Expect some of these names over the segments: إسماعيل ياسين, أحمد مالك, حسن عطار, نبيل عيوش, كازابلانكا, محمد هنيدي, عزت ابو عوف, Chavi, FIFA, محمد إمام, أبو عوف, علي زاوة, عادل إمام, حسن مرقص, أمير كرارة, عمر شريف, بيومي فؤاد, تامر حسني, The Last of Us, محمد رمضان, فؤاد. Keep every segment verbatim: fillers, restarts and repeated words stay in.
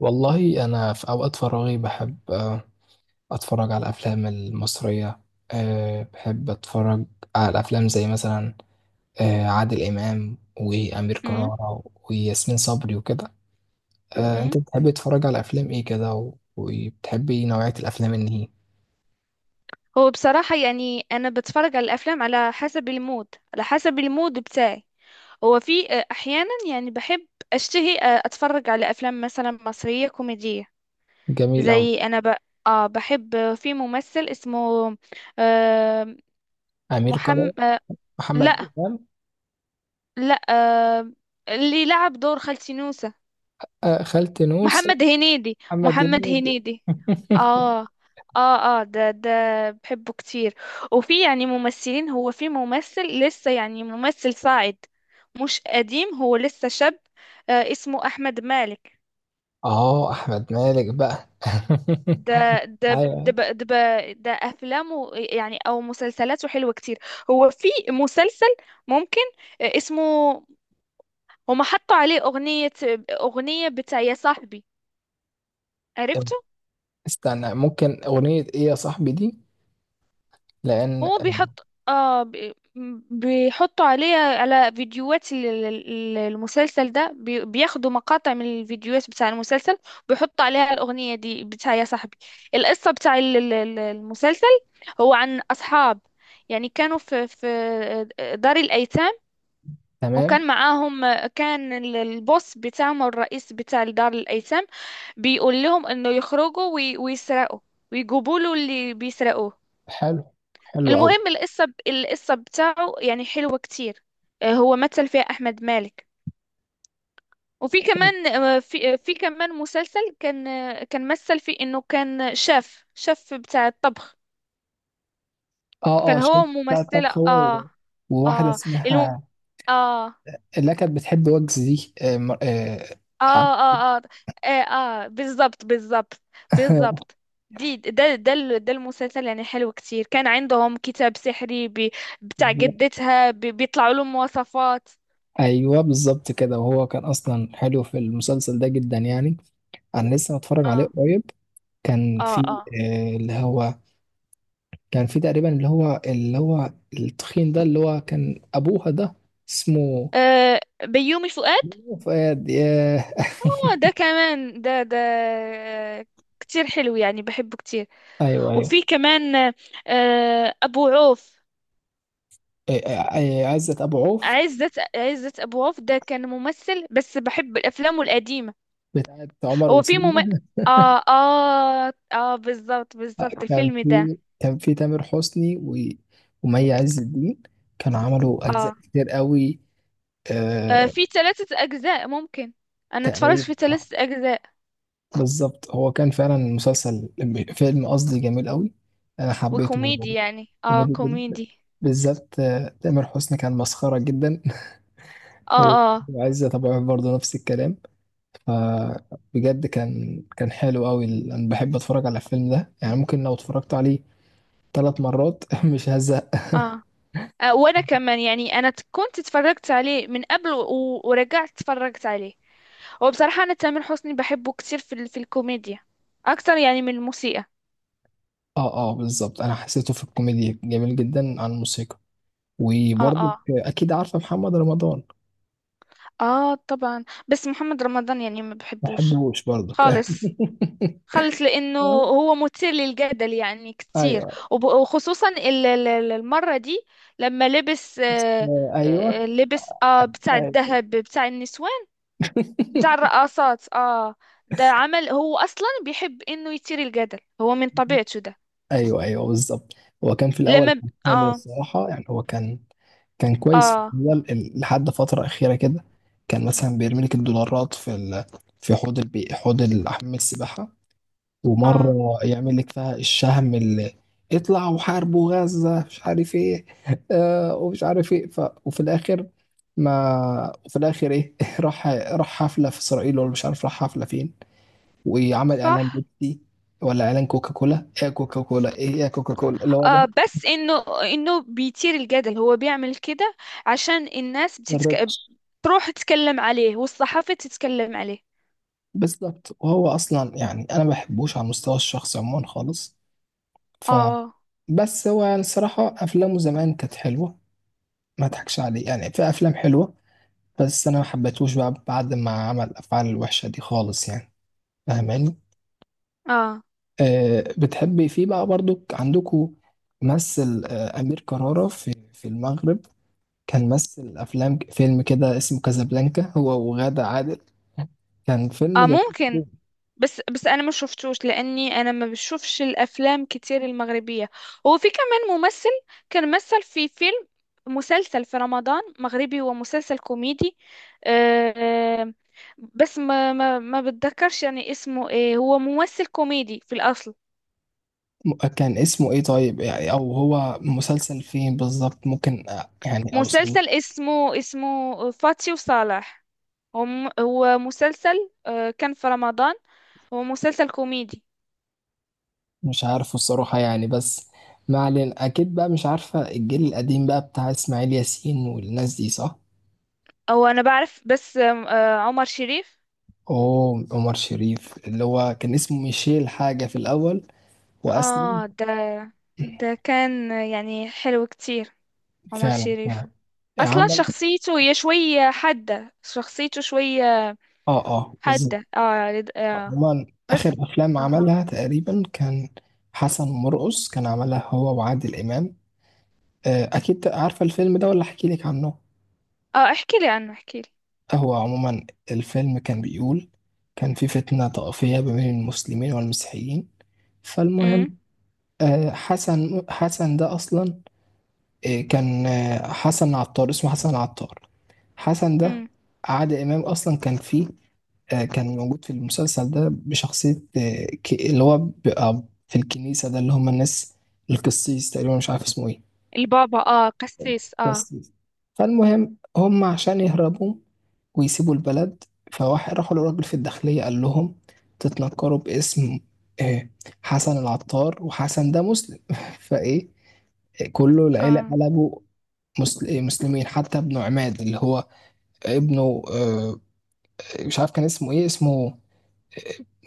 والله أنا في أوقات فراغي بحب آه، أتفرج على الأفلام المصرية. آه، بحب أتفرج على الأفلام زي مثلا آه، عادل إمام وأمير مم. كرارة وياسمين صبري وكده. آه، مم. أنت بتحبي تتفرج على أفلام إيه كده و- وبتحبي نوعية الأفلام إن هي هو بصراحة يعني أنا بتفرج على الأفلام على حسب المود على حسب المود بتاعي. هو في آه، أحيانا يعني بحب أشتهي آه، أتفرج على أفلام مثلا مصرية كوميدية. جميل أوي. زي أنا ب... آه بحب، آه، في ممثل اسمه آه أمير كرارة. محمد، آه لا، محمد إمام. لا، آه اللي لعب دور خالتي نوسة. آه، خالتي نوسة. محمد هنيدي محمد محمد هنيدي. هنيدي اه، اه، اه، ده ده بحبه كتير. وفي يعني ممثلين، هو في ممثل لسه، يعني ممثل صاعد، مش قديم، هو لسه شاب. آه اسمه أحمد مالك. آه أحمد مالك بقى. ده ده ده أيوة. ب- ده ب- ده أفلامه يعني أو مسلسلاته حلوة كتير. هو في مسلسل ممكن، آه، اسمه، هما حطوا عليه أغنية أغنية بتاع يا صاحبي. عرفته؟ استنى ممكن أغنية إيه يا صاحبي دي؟ لان هو آه، بيحط اه بي- بيحطوا عليه على فيديوهات ال- ال- ال- المسلسل ده، بي- بياخدوا مقاطع من الفيديوهات بتاع المسلسل ويحطوا عليها الأغنية دي بتاع يا صاحبي. القصة بتاع ال- ال- ال- المسلسل، هو عن أصحاب يعني كانوا في في دار الأيتام. تمام. وكان معاهم، كان ال- البوس بتاعهم أو الرئيس بتاع دار الأيتام بيقول لهم إنه يخرجوا وي- ويسرقوا ويجيبوا له اللي بيسرقوه. حلو. حلو قوي. المهم، القصة القصة بتاعه يعني حلوة كتير. آه، هو مثل فيها أحمد مالك. وفي كمان، آه، في آه، في كمان مسلسل كان، آه، كان مثل فيه إنه كان شاف شاف بتاع الطبخ. اه كان اه هو شيف بتاع ممثلة. الطبخ هو اه و- وواحده اه الم... اسمها اه اه اللي كانت بتحب وجز دي آه مر- آه اه اه, آه, آه بالظبط، بالظبط، بالظبط. دي ده ده ال- ده المسلسل يعني حلو كتير. كان عندهم كتاب سحري، بي- بتاع جدتها، بي- بيطلعوا لهم وصفات. ايوه بالظبط كده وهو كان اصلا حلو في المسلسل ده جدا يعني. انا لسه متفرج عليه اه، قريب. كان اه، في اه، آه، اللي هو كان في تقريبا اللي هو اللي هو التخين ده اللي هو كان ابوها ده اسمه آه بيومي فؤاد. فؤاد ياه. آه، ده كمان. ده ده آه، كتير حلو يعني، بحبه كتير. ايوه ايوه. وفي كمان آه أبو عوف. آه، آه، آه، عزت ابو عوف عزت عزت أبو عوف ده كان ممثل، بس بحب أفلامه القديمة. بتاعت عمر هو في مم... وسلمى. آه آه آه بالظبط، بالظبط، كان الفيلم ده. في كان في تامر حسني و... ومي عز الدين كانوا عملوا أجزاء آه, كتير قوي. آه آه... في ثلاثة أجزاء ممكن. أنا اتفرجت تقريبا. في ثلاثة أجزاء. بالظبط هو كان فعلا مسلسل فيلم قصدي جميل قوي. أنا حبيته. وكوميدي يعني، آه كوميدي جدا. كوميدي. بالذات آه، تامر حسني كان مسخرة جدا. آه، آه، وعزة طبعا برضه نفس الكلام. فبجد كان كان حلو قوي ال- انا بحب اتفرج على الفيلم ده يعني ممكن لو اتفرجت عليه ثلاث مرات مش هزهق. آه، آه، وانا كمان يعني، انا ت- كنت اتفرجت عليه من قبل، و- ورجعت اتفرجت عليه. هو بصراحة، انا تامر حسني بحبه كتير في ال- في الكوميديا اكتر يعني من الموسيقى. اه اه بالظبط انا حسيته في الكوميديا جميل جدا عن الموسيقى. اه، وبرضك اه، اكيد عارفه محمد رمضان. اه، طبعا. بس محمد رمضان يعني ما ما بحبوش بحبوش برضك خالص، خالص، لانه هو مثير للجدل يعني كتير. ايوه وب- وخصوصا ال- ال- ال- المرة دي لما لبس، آه ايوه. ايوه آه، لبس اه بتاع ايوه. الذهب بتاع النسوان، بتاع الرقصات اه ده عمل، هو اصلا بيحب انه يثير الجدل، هو من طبيعته ده. ايوه ايوه بالظبط. هو كان في الاول لما ب... كان حلو اه الصراحه يعني هو كان كان كويس في اه الاول ال- لحد فتره اخيره كده. كان مثلا بيرمي لك الدولارات في ال... في حوض البي... حوض ال- حمام السباحه. ومرة اه يعمل لك فيها الشهم اللي اطلع وحاربوا غزة مش عارف ايه آه ومش عارف ايه ف... وفي الاخر ما وفي الاخر ايه راح راح حفلة في اسرائيل ولا مش عارف راح حفلة فين. وعمل صح. اعلان بيبسي ولا اعلان كوكا كولا ايه كوكا كولا ايه يا كوكا كولا اللي هو آه ده بس انه انه بيثير الجدل، هو بيعمل كده عشان الناس بتتك... الريتش. تروح تتكلم عليه والصحافة تتكلم عليه. بالظبط وهو اصلا يعني انا ما بحبوش على المستوى الشخصي عموما خالص. ف اه، بس هو يعني الصراحة افلامه زمان كانت حلوة. ما اضحكش عليه يعني في افلام حلوة. بس انا ما حبيتهوش بقى بعد ما عمل الافعال الوحشه دي خالص يعني. فاهماني؟ اه، أه بتحبي فيه بقى برضو عندكم مثل آه، امير كرارة في في المغرب؟ كان مثل افلام فيلم كده اسمه كازابلانكا هو وغادة عادل. كان فيلم اه، جميل جداً. ممكن. بس، بس انا ما شفتوش لاني انا ما بشوفش الافلام كتير المغربيه. هو في كمان ممثل كان مثل في فيلم مسلسل في رمضان مغربي، هو مسلسل كوميدي. آه، بس ما ما ما بتذكرش يعني اسمه ايه، هو ممثل كوميدي في الاصل. م- كان اسمه ايه طيب يعني او هو مسلسل فين بالظبط ممكن آه، يعني اوصله؟ مسلسل اسمه اسمه فاتي وصالح. هو م- هو مسلسل، آه، كان في رمضان، هو مسلسل كوميدي. مش عارفه الصراحة يعني بس. ما علينا اكيد بقى مش عارفة الجيل القديم بقى بتاع اسماعيل ياسين والناس دي صح. او انا بعرف، بس آم، آه، عمر شريف. اوه عمر شريف اللي هو كان اسمه ميشيل حاجة في الأول وأسلم. اه، ده ده كان يعني حلو كتير، عمر فعلا شريف. فعلا. اصلا عمل شخصيته هي شوية حادة، شخصيته شوية اه اه بالظبط. حادة. اه، لد- آه. عموما آخر بس. أفلام اه، عملها تقريبا كان حسن مرقص كان عملها هو وعادل إمام. آه، أكيد عارفة الفيلم ده ولا أحكي لك عنه؟ اه، احكي لي عنه، احكي لي. آه، هو عموما الفيلم كان بيقول كان في فتنة طائفية ما بين المسلمين والمسيحيين. فالمهم امم. آه، حسن حسن ده أصلا. إيه، كان آه، حسن عطار اسمه حسن عطار. حسن ده امم. عادل إمام أصلا كان فيه آه، كان موجود في المسلسل ده بشخصية آه، ك- اللي هو بيبقى في الكنيسة ده اللي هم الناس القسيس تقريبا مش عارف اسمه إيه البابا، اه قسيس اه بس. فالمهم هم عشان يهربوا ويسيبوا البلد فواحد راحوا للراجل في الداخلية قال لهم تتنكروا باسم آه، حسن العطار وحسن ده مسلم. فايه كله العيلة اه. قلبوا مسل- إيه، مسلمين حتى ابن عماد اللي هو ابنه آه، مش عارف كان اسمه ايه اسمه آه،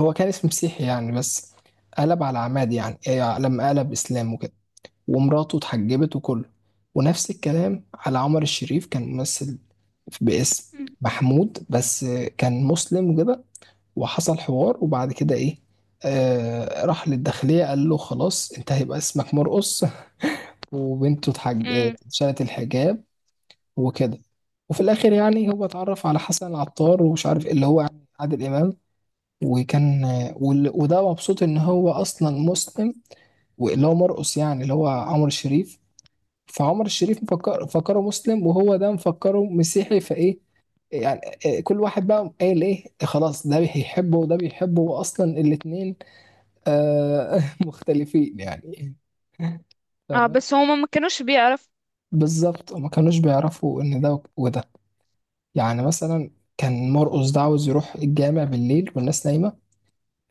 هو كان اسمه مسيحي يعني بس قلب على عماد يعني إيه، لما قلب اسلام وكده. ومراته اتحجبت وكله. ونفس الكلام على عمر الشريف كان ممثل باسم امم. محمود بس كان مسلم وكده. وحصل حوار وبعد كده ايه آه راح للداخلية قال له خلاص انت هيبقى اسمك مرقص. وبنته اتحج... آه، أمم. شالت الحجاب وكده. وفي الاخر يعني هو اتعرف على حسن العطار ومش عارف ايه اللي هو يعني عادل امام. وكان وال- وده مبسوط ان هو اصلا مسلم واللي هو مرقص يعني اللي هو عمر الشريف. فعمر الشريف مفكر فكره مسلم وهو ده مفكره مسيحي فايه يعني. آه، كل واحد بقى قال ايه خلاص ده بيحبه وده بيحبه واصلا الاتنين آه مختلفين يعني. اه، فاهم؟ بس هما ما كانوش بيعرف. بالظبط وما كانوش بيعرفوا ان ده وده يعني مثلا. كان مرقص ده عاوز يروح الجامع بالليل والناس نايمه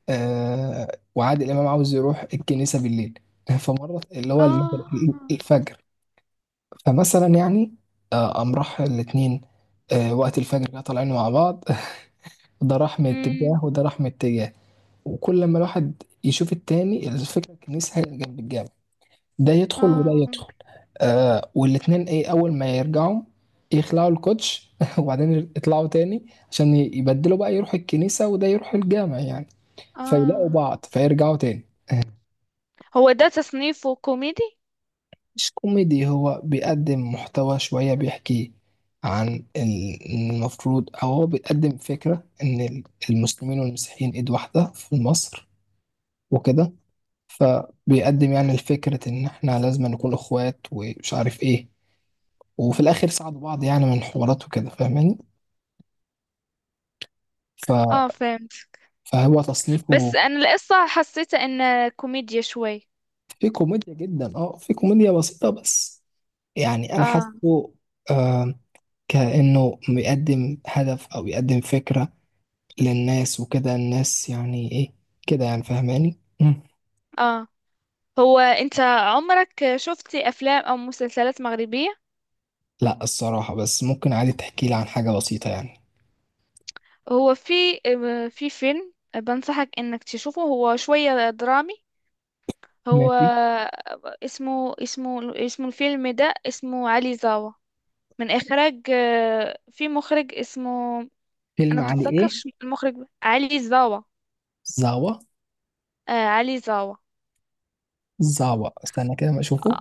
آه وعادل امام عاوز يروح الكنيسه بالليل فمرة اللي هو المغرب- اه. الفجر. فمثلا يعني آه، قام راح الاتنين آه، وقت الفجر كده طالعين مع بعض. ده راح من اتجاه امم. وده راح من اتجاه. وكل لما الواحد يشوف التاني الفكرة الكنيسة هي اللي جنب الجامع. ده يدخل اه. وده يدخل آه والاتنين ايه أول ما يرجعوا يخلعوا الكوتش وبعدين يطلعوا تاني عشان ي- يبدلوا بقى يروح الكنيسة وده يروح الجامع يعني. فيلاقوا اه. بعض فيرجعوا تاني. هو ده تصنيفه كوميدي؟ مش كوميدي هو بيقدم محتوى شوية بيحكي عن ال- المفروض أو هو بيقدم فكرة إن ال- المسلمين والمسيحيين إيد واحدة في مصر وكده. فبيقدم يعني فكرة إن إحنا لازم نكون إخوات ومش عارف إيه. وفي الآخر ساعدوا بعض يعني من حوارات وكده فاهماني ف... اه، فهمت. فهو بس تصنيفه انا القصة حسيتها انها كوميديا شوي. في كوميديا جدا أه في كوميديا بسيطة بس يعني أنا اه، حاسه آه كأنه بيقدم هدف أو بيقدم فكرة للناس وكده الناس يعني ايه كده يعني فاهماني. مم. اه، هو انت عمرك شفتي افلام او مسلسلات مغربية؟ لا الصراحة بس ممكن عادي تحكي لي عن حاجة بسيطة يعني. هو في آه، في فيلم بنصحك انك تشوفه، هو شوية درامي. هو، ماشي. اسمه اسمه اسمه الفيلم ده اسمه علي زاوة، من اخراج، آه، في مخرج اسمه، انا فيلم علي ايه؟ بتذكرش المخرج. علي زاوة. زعوة. آه علي زاوة. زعوة استنى كده ما اشوفه.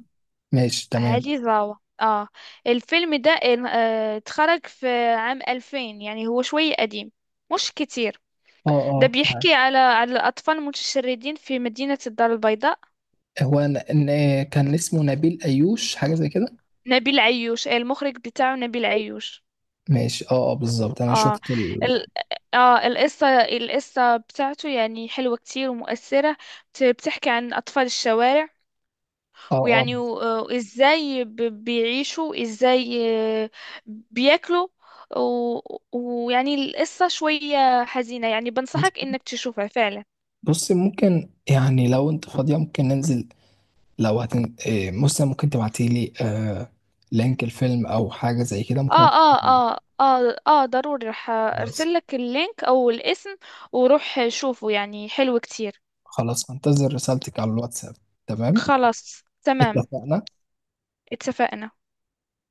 ماشي تمام. علي زاوة، اه. الفيلم ده، آه، اتخرج في عام ألفين يعني هو شوية قديم، مش كتير. اه ده اه فعلا. بيحكي على على الأطفال المتشردين في مدينة الدار البيضاء. هو أنا- إن- كان اسمه نبيل ايوش حاجة زي كده. نبيل عيوش، آه، المخرج بتاعه نبيل عيوش. ماشي اه اه بالظبط انا اه. شفت ال... ال... اه القصة القصة بتاعته يعني حلوة كتير ومؤثرة، بت- بتحكي عن أطفال الشوارع اه اه ويعني و... آه، وإزاي ب... بيعيشوا إزاي. آه، بياكلوا و... ويعني القصة شوية حزينة، يعني بص بنصحك إنك تشوفها فعلا. بص ممكن يعني لو انت فاضية ممكن ننزل لو هتن... إيه، مثلا ممكن تبعتي لي آه... لينك الفيلم او حاجة زي كده اه، ممكن. اه، اه، اه، اه، ضروري، رح خلاص. ارسل لك اللينك او الاسم وروح شوفه يعني حلو كتير. خلاص انتظر رسالتك على الواتساب. تمام. خلاص، تمام. اتفقنا. اتفقنا.